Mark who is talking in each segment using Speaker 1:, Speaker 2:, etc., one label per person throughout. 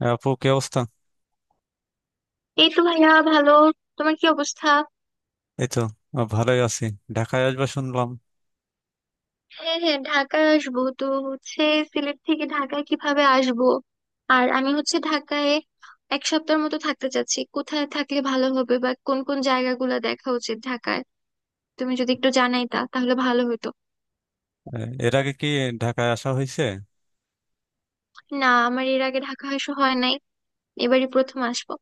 Speaker 1: হ্যাঁ, আপু কি অবস্থা?
Speaker 2: এই তো ভাইয়া ভালো। তোমার কি অবস্থা?
Speaker 1: এই তো। ভালোই আছি। ঢাকায় আসবা শুনলাম।
Speaker 2: হ্যাঁ হ্যাঁ, ঢাকায় আসবো তো হচ্ছে, সিলেট থেকে ঢাকায় কিভাবে আসবো। আর আমি হচ্ছে ঢাকায় এক সপ্তাহের মতো থাকতে চাচ্ছি, কোথায় থাকলে ভালো হবে বা কোন কোন জায়গাগুলো দেখা উচিত ঢাকায়। তুমি যদি একটু জানাইতা তাহলে ভালো হতো।
Speaker 1: এর আগে কি ঢাকায় আসা হয়েছে?
Speaker 2: না, আমার এর আগে ঢাকা আসা হয় নাই, এবারই প্রথম আসবো।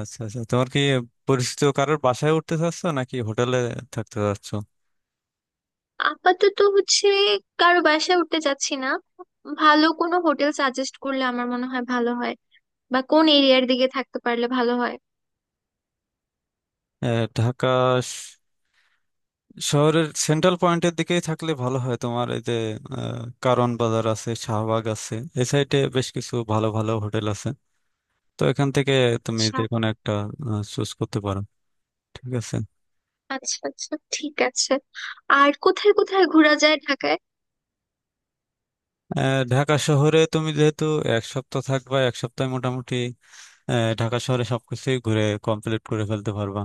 Speaker 1: আচ্ছা আচ্ছা, তোমার কি পরিচিত কারোর বাসায় উঠতে চাচ্ছ নাকি হোটেলে থাকতে চাচ্ছ?
Speaker 2: আপাতত হচ্ছে কারো বাসায় উঠতে চাচ্ছি না। ভালো কোনো হোটেল সাজেস্ট করলে আমার মনে হয় ভালো হয়, বা কোন এরিয়ার দিকে থাকতে পারলে ভালো হয়।
Speaker 1: ঢাকা শ- শহরের সেন্ট্রাল পয়েন্টের দিকেই থাকলে ভালো হয়। তোমার এই যে কারওয়ান বাজার আছে, শাহবাগ আছে, এই সাইডে বেশ কিছু ভালো ভালো হোটেল আছে। তো এখান থেকে তুমি যে কোনো একটা চুজ করতে পারো, ঠিক আছে।
Speaker 2: আচ্ছা আচ্ছা, ঠিক আছে। আর কোথায় কোথায় ঘোরা যায় ঢাকায়?
Speaker 1: ঢাকা শহরে তুমি যেহেতু এক সপ্তাহ থাকবা, এক সপ্তাহে মোটামুটি ঢাকা শহরে সবকিছুই ঘুরে কমপ্লিট করে ফেলতে পারবা।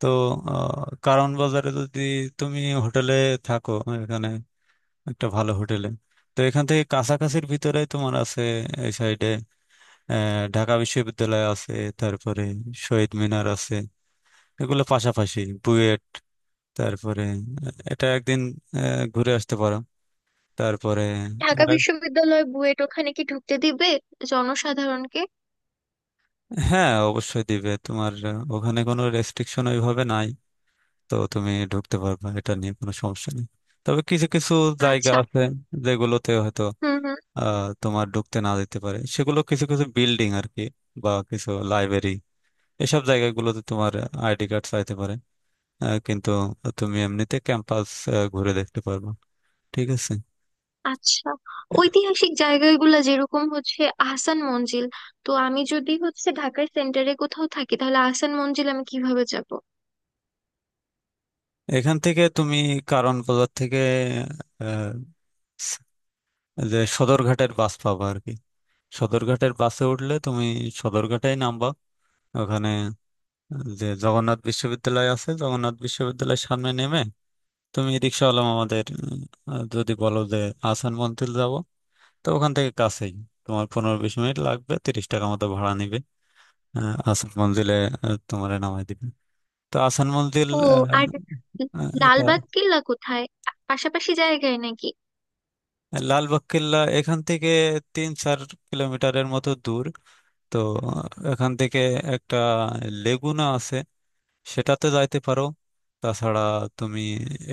Speaker 1: তো কারওয়ান বাজারে যদি তুমি হোটেলে থাকো, এখানে একটা ভালো হোটেলে, তো এখান থেকে কাছাকাছির ভিতরে তোমার আছে এই সাইডে ঢাকা বিশ্ববিদ্যালয় আছে, তারপরে শহীদ মিনার আছে, এগুলো পাশাপাশি বুয়েট। তারপরে এটা একদিন ঘুরে আসতে পারো। তারপরে
Speaker 2: ঢাকা
Speaker 1: আর এক-
Speaker 2: বিশ্ববিদ্যালয়, বুয়েট, ওখানে কি ঢুকতে দিবে জনসাধারণকে?
Speaker 1: হ্যাঁ, অবশ্যই দিবে তোমার। ওখানে কোনো রেস্ট্রিকশন ওইভাবে নাই। তো তুমি ঢুকতে পারবে, এটা নিয়ে কোনো সমস্যা নেই। তবে কিছু কিছু জায়গা
Speaker 2: আচ্ছা।
Speaker 1: আছে যেগুলোতে হয়তো
Speaker 2: হুম হুম।
Speaker 1: তোমার ঢুকতে না দিতে পারে, সেগুলো কিছু কিছু বিল্ডিং আর কি, বা কিছু লাইব্রেরি। এসব জায়গাগুলোতে তোমার আইডি কার্ড চাইতে পারে। কিন্তু তুমি এমনিতে ক্যাম্পাস ঘুরে দেখতে পারবে, ঠিক আছে।
Speaker 2: আচ্ছা, ঐতিহাসিক জায়গাগুলো যেরকম হচ্ছে আহসান মঞ্জিল, তো আমি যদি হচ্ছে ঢাকার সেন্টারে কোথাও থাকি তাহলে আহসান মঞ্জিল আমি কিভাবে যাব?
Speaker 1: এখান থেকে তুমি কারণ বাজার থেকে আহ, যে সদরঘাটের বাস পাবা আর কি। সদরঘাটের বাসে উঠলে তুমি সদরঘাটেই নামবা। ওখানে যে জগন্নাথ বিশ্ববিদ্যালয় আছে, জগন্নাথ বিশ্ববিদ্যালয়ের সামনে নেমে তুমি রিক্সাওয়ালা আমাদের যদি বলো যে আসান মন্থিল যাব, তো ওখান থেকে কাছেই, তোমার 15-20 মিনিট লাগবে, 30 টাকা মতো ভাড়া নিবে। আসান মঞ্জিলে তোমার নামাই দিবে। তো আসান মঞ্জিল
Speaker 2: ও,
Speaker 1: আহ,
Speaker 2: আর
Speaker 1: আহ, এটা
Speaker 2: লালবাগ কিল্লা কোথায়, পাশাপাশি জায়গায় নাকি?
Speaker 1: লালবাগ কেল্লা এখান থেকে 3-4 কিলোমিটারের মতো দূর। তো এখান থেকে একটা লেগুনা আছে, সেটাতে যাইতে পারো। তাছাড়া তুমি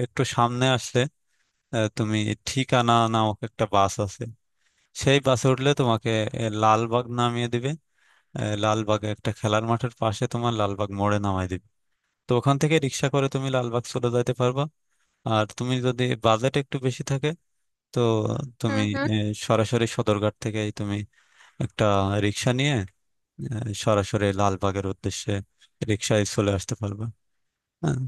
Speaker 1: একটু সামনে আসলে, তুমি ঠিকানা নামক একটা বাস আছে, সেই বাসে উঠলে তোমাকে লালবাগ নামিয়ে দিবে। লালবাগে একটা খেলার মাঠের পাশে তোমার লালবাগ মোড়ে নামাই দিবে। তো ওখান থেকে রিক্সা করে তুমি লালবাগ চলে যাইতে পারবা। আর তুমি যদি বাজেট একটু বেশি থাকে, তো তুমি
Speaker 2: হুম হুম।
Speaker 1: আহ, সরাসরি সদরঘাট থেকেই তুমি একটা রিক্সা নিয়ে সরাসরি লালবাগের উদ্দেশ্যে রিক্সায় চলে আসতে পারবা। হ্যাঁ।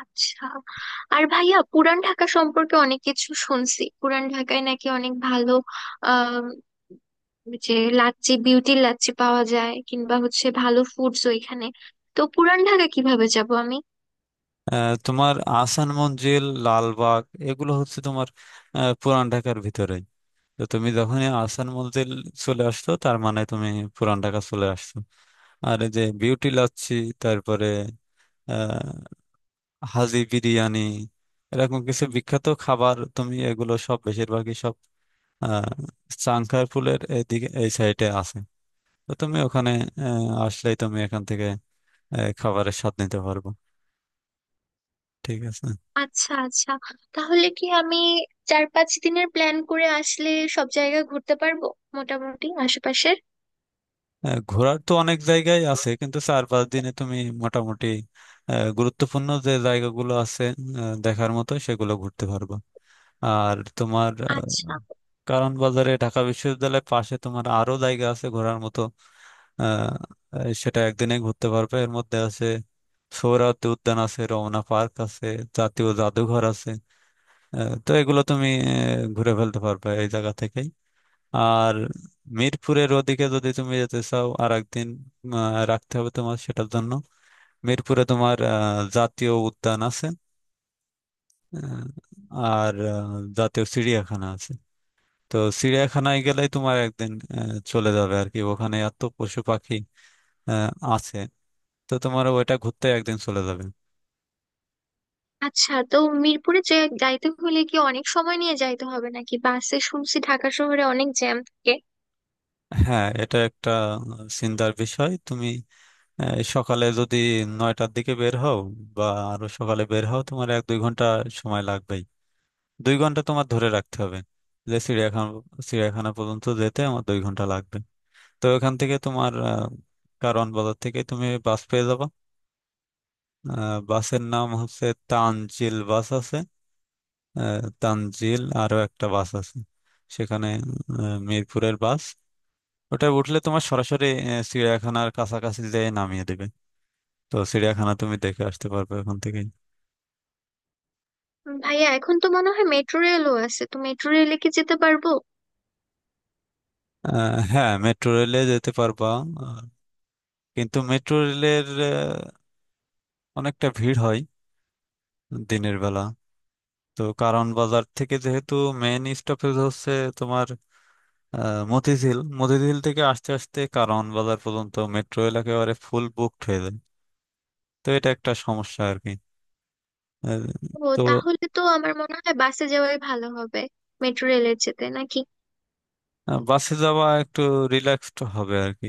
Speaker 2: আচ্ছা। আর ভাইয়া পুরান ঢাকা সম্পর্কে অনেক কিছু শুনছি, পুরান ঢাকায় নাকি অনেক ভালো আহ যে লাচ্ছি, বিউটি লাচ্ছি পাওয়া যায়, কিংবা হচ্ছে ভালো ফুডস ওইখানে। তো পুরান ঢাকা কিভাবে যাব আমি?
Speaker 1: তোমার আহসান মঞ্জিল, লালবাগ এগুলো হচ্ছে তোমার পুরান ঢাকার ভিতরে। তো তুমি যখনই আহসান মঞ্জিল চলে আসছো, তার মানে তুমি পুরান ঢাকা চলে আসছো। আর এই যে বিউটি লাচ্ছি, তারপরে আহ হাজি বিরিয়ানি, এরকম কিছু বিখ্যাত খাবার, তুমি এগুলো সব বেশিরভাগই সব আহ চাংখারপুলের এইদিকে এই সাইডে আছে। তো তুমি ওখানে আসলেই তুমি এখান থেকে খাবারের স্বাদ নিতে পারবো, ঠিক আছে।
Speaker 2: আচ্ছা আচ্ছা। তাহলে কি আমি 4 5 দিনের প্ল্যান করে আসলে সব জায়গা ঘুরতে পারবো মোটামুটি আশেপাশের?
Speaker 1: ঘোরার তো অনেক জায়গায় আছে, কিন্তু 4-5 দিনে তুমি মোটামুটি গুরুত্বপূর্ণ যে জায়গাগুলো আছে দেখার মতো, সেগুলো ঘুরতে পারবা। আর তোমার
Speaker 2: আচ্ছা
Speaker 1: কারণ বাজারে ঢাকা বিশ্ববিদ্যালয়ের পাশে তোমার আরো জায়গা আছে ঘোরার মতো। আহ, আহ, সেটা একদিনে ঘুরতে পারবে। এর মধ্যে আছে সোহরাওয়ার্দী উদ্যান আছে, রমনা পার্ক আছে, জাতীয় জাদুঘর আছে। তো এগুলো তুমি ঘুরে ফেলতে পারবে এই জায়গা থেকেই। আর মিরপুরের ওদিকে যদি তুমি যেতে চাও, আর একদিন আহ, রাখতে হবে তোমার সেটার জন্য। মিরপুরে তোমার জাতীয় উদ্যান আছে, আহ, আর জাতীয় চিড়িয়াখানা আছে। তো চিড়িয়াখানায় গেলেই তোমার একদিন চলে যাবে আর কি। ওখানে এত পশু পাখি আছে। তো তোমার ওইটা ঘুরতে একদিন চলে যাবে।
Speaker 2: আচ্ছা। তো মিরপুরে যে যাইতে হলে কি অনেক সময় নিয়ে যাইতে হবে নাকি? বাসে শুনছি ঢাকা শহরে অনেক জ্যাম থাকে।
Speaker 1: হ্যাঁ, এটা একটা চিন্তার বিষয়। তুমি সকালে যদি 9টার দিকে বের হও, বা আরো সকালে বের হও, তোমার 1-2 ঘন্টা সময় লাগবে। 2 ঘন্টা তোমার ধরে রাখতে হবে যে চিড়িয়াখানা, চিড়িয়াখানা পর্যন্ত যেতে আমার 2 ঘন্টা লাগবে। তো এখান থেকে তোমার কারওয়ান বাজার থেকে তুমি বাস পেয়ে যাবা। বাসের নাম হচ্ছে তানজিল বাস আছে, তানজিল আরো একটা বাস আছে সেখানে, মিরপুরের বাস। ওটা উঠলে তোমার সরাসরি চিড়িয়াখানার কাছাকাছি যেয়ে নামিয়ে দেবে। তো চিড়িয়াখানা তুমি দেখে আসতে পারবে ওখান থেকে।
Speaker 2: ভাইয়া এখন তো মনে হয় মেট্রো রেলও আছে, তো মেট্রো রেলে কি যেতে পারবো?
Speaker 1: হ্যাঁ, মেট্রো রেলে যেতে পারবা। আহ, কিন্তু মেট্রো রেলের অনেকটা ভিড় হয় দিনের বেলা। তো কারণ বাজার থেকে যেহেতু মেইন স্টপেজ হচ্ছে তোমার মতিঝিল, মতিঝিল থেকে আস্তে আস্তে কারণ বাজার পর্যন্ত মেট্রো রেল একেবারে ফুল বুকড হয়ে যায়। তো এটা একটা সমস্যা আর কি। আহ,
Speaker 2: ও,
Speaker 1: তো
Speaker 2: তাহলে তো আমার মনে হয় বাসে যাওয়াই ভালো হবে, মেট্রো রেলের যেতে নাকি।
Speaker 1: আহ, বাসে যাওয়া একটু রিল্যাক্সড হবে আর কি।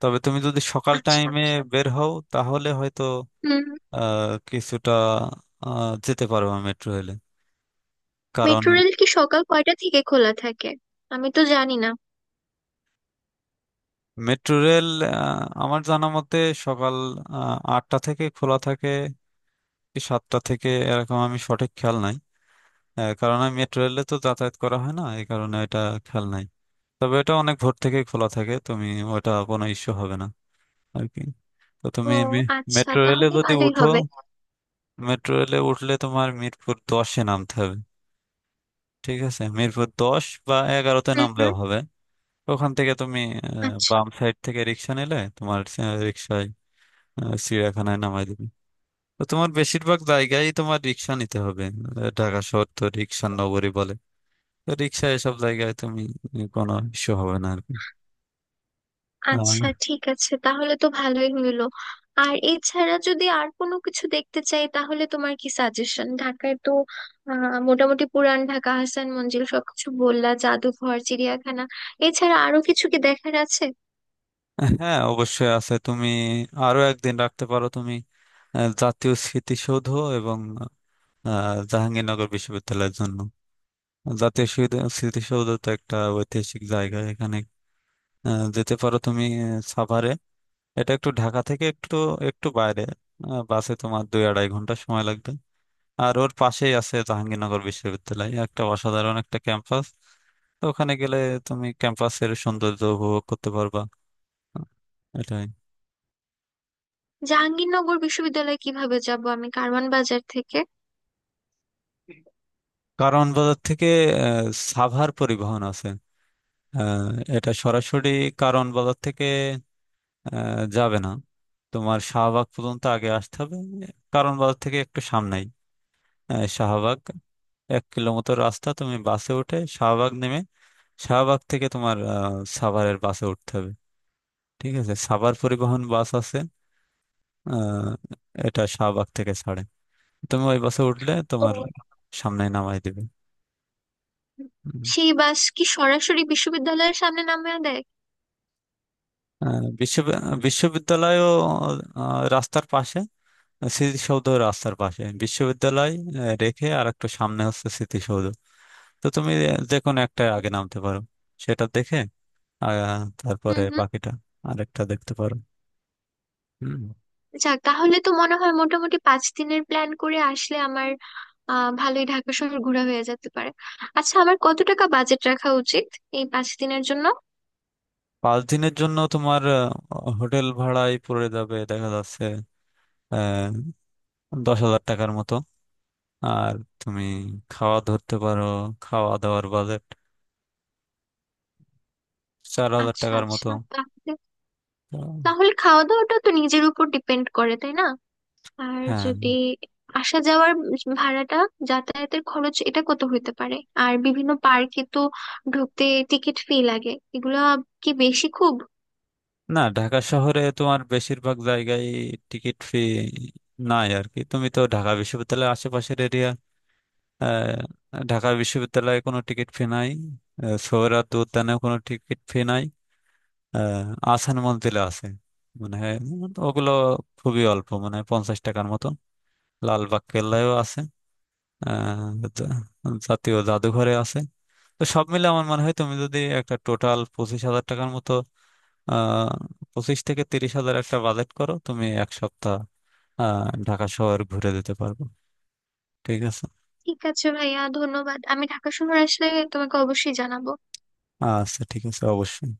Speaker 1: তবে তুমি যদি সকাল
Speaker 2: আচ্ছা
Speaker 1: টাইমে
Speaker 2: আচ্ছা।
Speaker 1: বের হও, তাহলে হয়তো
Speaker 2: হুম।
Speaker 1: কিছুটা যেতে পারবো মেট্রো রেলে। কারণ
Speaker 2: মেট্রো রেল কি সকাল কয়টা থেকে খোলা থাকে? আমি তো জানি না।
Speaker 1: মেট্রো রেল আমার জানা মতে সকাল 8টা থেকে খোলা থাকে, এই 7টা থেকে, এরকম আমি সঠিক খেয়াল নাই। কারণ আমি মেট্রো রেলে তো যাতায়াত করা হয় না, এই কারণে এটা খেয়াল নাই। তবে এটা অনেক ভোর থেকে খোলা থাকে, তুমি ওটা কোনো ইস্যু হবে না আর কি। তো
Speaker 2: ও
Speaker 1: তুমি
Speaker 2: আচ্ছা,
Speaker 1: মেট্রো রেলে
Speaker 2: তাহলে
Speaker 1: যদি
Speaker 2: ভালোই
Speaker 1: উঠো,
Speaker 2: হবে।
Speaker 1: মেট্রো রেলে উঠলে তোমার মিরপুর 10-এ নামতে হবে, ঠিক আছে, মিরপুর 10 বা 11-তে
Speaker 2: হুম
Speaker 1: নামলেও
Speaker 2: হুম।
Speaker 1: হবে। ওখান থেকে তুমি
Speaker 2: আচ্ছা
Speaker 1: বাম সাইড থেকে রিক্সা নিলে তোমার রিক্সায় চিড়িয়াখানায় নামাই দিবে। তো তোমার বেশিরভাগ জায়গায় তোমার রিক্সা নিতে হবে। ঢাকা শহর তো রিক্সার নগরী বলে। তো রিক্সায় এসব জায়গায় তুমি কোনো ইস্যু হবে না আর কি।
Speaker 2: আচ্ছা,
Speaker 1: আহ,
Speaker 2: ঠিক আছে, তাহলে তো ভালোই হইলো। আর এছাড়া যদি আর কোনো কিছু দেখতে চাই তাহলে তোমার কি সাজেশন ঢাকায় তো, মোটামুটি পুরান ঢাকা, হাসান মঞ্জিল সবকিছু বললা, জাদুঘর, চিড়িয়াখানা, এছাড়া আরো কিছু কি দেখার আছে?
Speaker 1: হ্যাঁ, অবশ্যই আছে। তুমি আরো একদিন রাখতে পারো তুমি জাতীয় স্মৃতিসৌধ এবং জাহাঙ্গীরনগর বিশ্ববিদ্যালয়ের জন্য। জাতীয় স্মৃতিসৌধ তো একটা ঐতিহাসিক জায়গা। এখানে যেতে পারো তুমি সাভারে। এটা একটু ঢাকা থেকে একটু একটু বাইরে। বাসে তোমার 2-2.5 ঘন্টা সময় লাগবে। আর ওর পাশেই আছে জাহাঙ্গীরনগর বিশ্ববিদ্যালয়, একটা অসাধারণ একটা ক্যাম্পাস। তো ওখানে গেলে তুমি ক্যাম্পাসের সৌন্দর্য উপভোগ করতে পারবা। এটাই।
Speaker 2: জাহাঙ্গীরনগর বিশ্ববিদ্যালয়ে কিভাবে যাব আমি কারওয়ান বাজার থেকে?
Speaker 1: কারওয়ান বাজার থেকে আহ, সাভার পরিবহন আছে। আহ, এটা সরাসরি কারওয়ান বাজার থেকে যাবে না, তোমার শাহবাগ পর্যন্ত আগে আসতে হবে। কারওয়ান বাজার থেকে একটু সামনেই শাহবাগ, 1 কিলোমিটার রাস্তা। তুমি বাসে উঠে শাহবাগ নেমে, শাহবাগ থেকে তোমার সাভারের বাসে উঠতে হবে, ঠিক আছে। সাভার পরিবহন বাস আছে, আহ, এটা শাহবাগ থেকে ছাড়ে। তুমি ওই বাসে উঠলে তোমার
Speaker 2: ও,
Speaker 1: সামনে নামাই দিবে। হুম।
Speaker 2: সেই বাস কি সরাসরি বিশ্ববিদ্যালয়ের সামনে নামিয়ে দেয়?
Speaker 1: আহ, বিশ্ব বিশ্ববিদ্যালয়ও রাস্তার পাশে, স্মৃতিসৌধ রাস্তার পাশে, বিশ্ববিদ্যালয় রেখে আর একটু সামনে হচ্ছে স্মৃতিসৌধ। তো তুমি যে কোনো একটা আগে নামতে পারো, সেটা দেখে আহ, তারপরে
Speaker 2: হুম হুম।
Speaker 1: বাকিটা আরেকটা দেখতে পারো। হুম।
Speaker 2: যাক, তাহলে তো মনে হয় মোটামুটি পাঁচ দিনের প্ল্যান করে আসলে আমার ভালোই ঢাকা শহর ঘোরা হয়ে যেতে পারে। আচ্ছা, আমার কত টাকা বাজেট রাখা উচিত এই 5 দিনের জন্য?
Speaker 1: 5 দিনের জন্য তোমার হোটেল ভাড়ায় পড়ে যাবে, দেখা যাচ্ছে আহ 10 হাজার টাকার মতো। আর তুমি খাওয়া ধরতে পারো, খাওয়া দাওয়ার বাজেট 4 হাজার
Speaker 2: আচ্ছা
Speaker 1: টাকার মতো।
Speaker 2: আচ্ছা, তাহলে
Speaker 1: তো,
Speaker 2: তাহলে খাওয়া দাওয়াটা তো নিজের উপর ডিপেন্ড করে, তাই না? আর
Speaker 1: হ্যাঁ।
Speaker 2: যদি আসা যাওয়ার ভাড়াটা, যাতায়াতের খরচ, এটা কত হইতে পারে? আর বিভিন্ন পার্কে তো ঢুকতে টিকিট ফি লাগে, এগুলা কি বেশি খুব?
Speaker 1: না, ঢাকা শহরে তোমার বেশিরভাগ জায়গায় টিকিট ফি নাই আর কি। তুমি তো ঢাকা বিশ্ববিদ্যালয়ের আশেপাশের এরিয়া, ঢাকা বিশ্ববিদ্যালয়ে কোনো টিকিট ফি নাই। সোহরাওয়ার্দী উদ্যানেও কোনো টিকিট ফি নাই। আহসান মঞ্জিলে আছে, মানে ওগুলো খুবই অল্প, মানে 50 টাকার মতো। লালবাগ কেল্লায়ও আছে। তো জাতীয় জাদুঘরে আছে। তো সব মিলে আমার মনে হয় তুমি যদি একটা টোটাল 25 হাজার টাকার মতো, আহ 25 থেকে 30 হাজার একটা বাজেট করো, তুমি এক সপ্তাহ ঢাকা শহর ঘুরে দিতে পারবো, ঠিক আছে।
Speaker 2: ঠিক আছে ভাইয়া, ধন্যবাদ। আমি ঢাকা শহর আসলে তোমাকে অবশ্যই জানাবো।
Speaker 1: আচ্ছা, ঠিক আছে, অবশ্যই।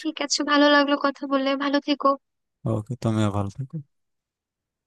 Speaker 2: ঠিক আছে, ভালো লাগলো কথা বলে, ভালো থেকো।
Speaker 1: ওকে, তুমিও ভালো থেকো।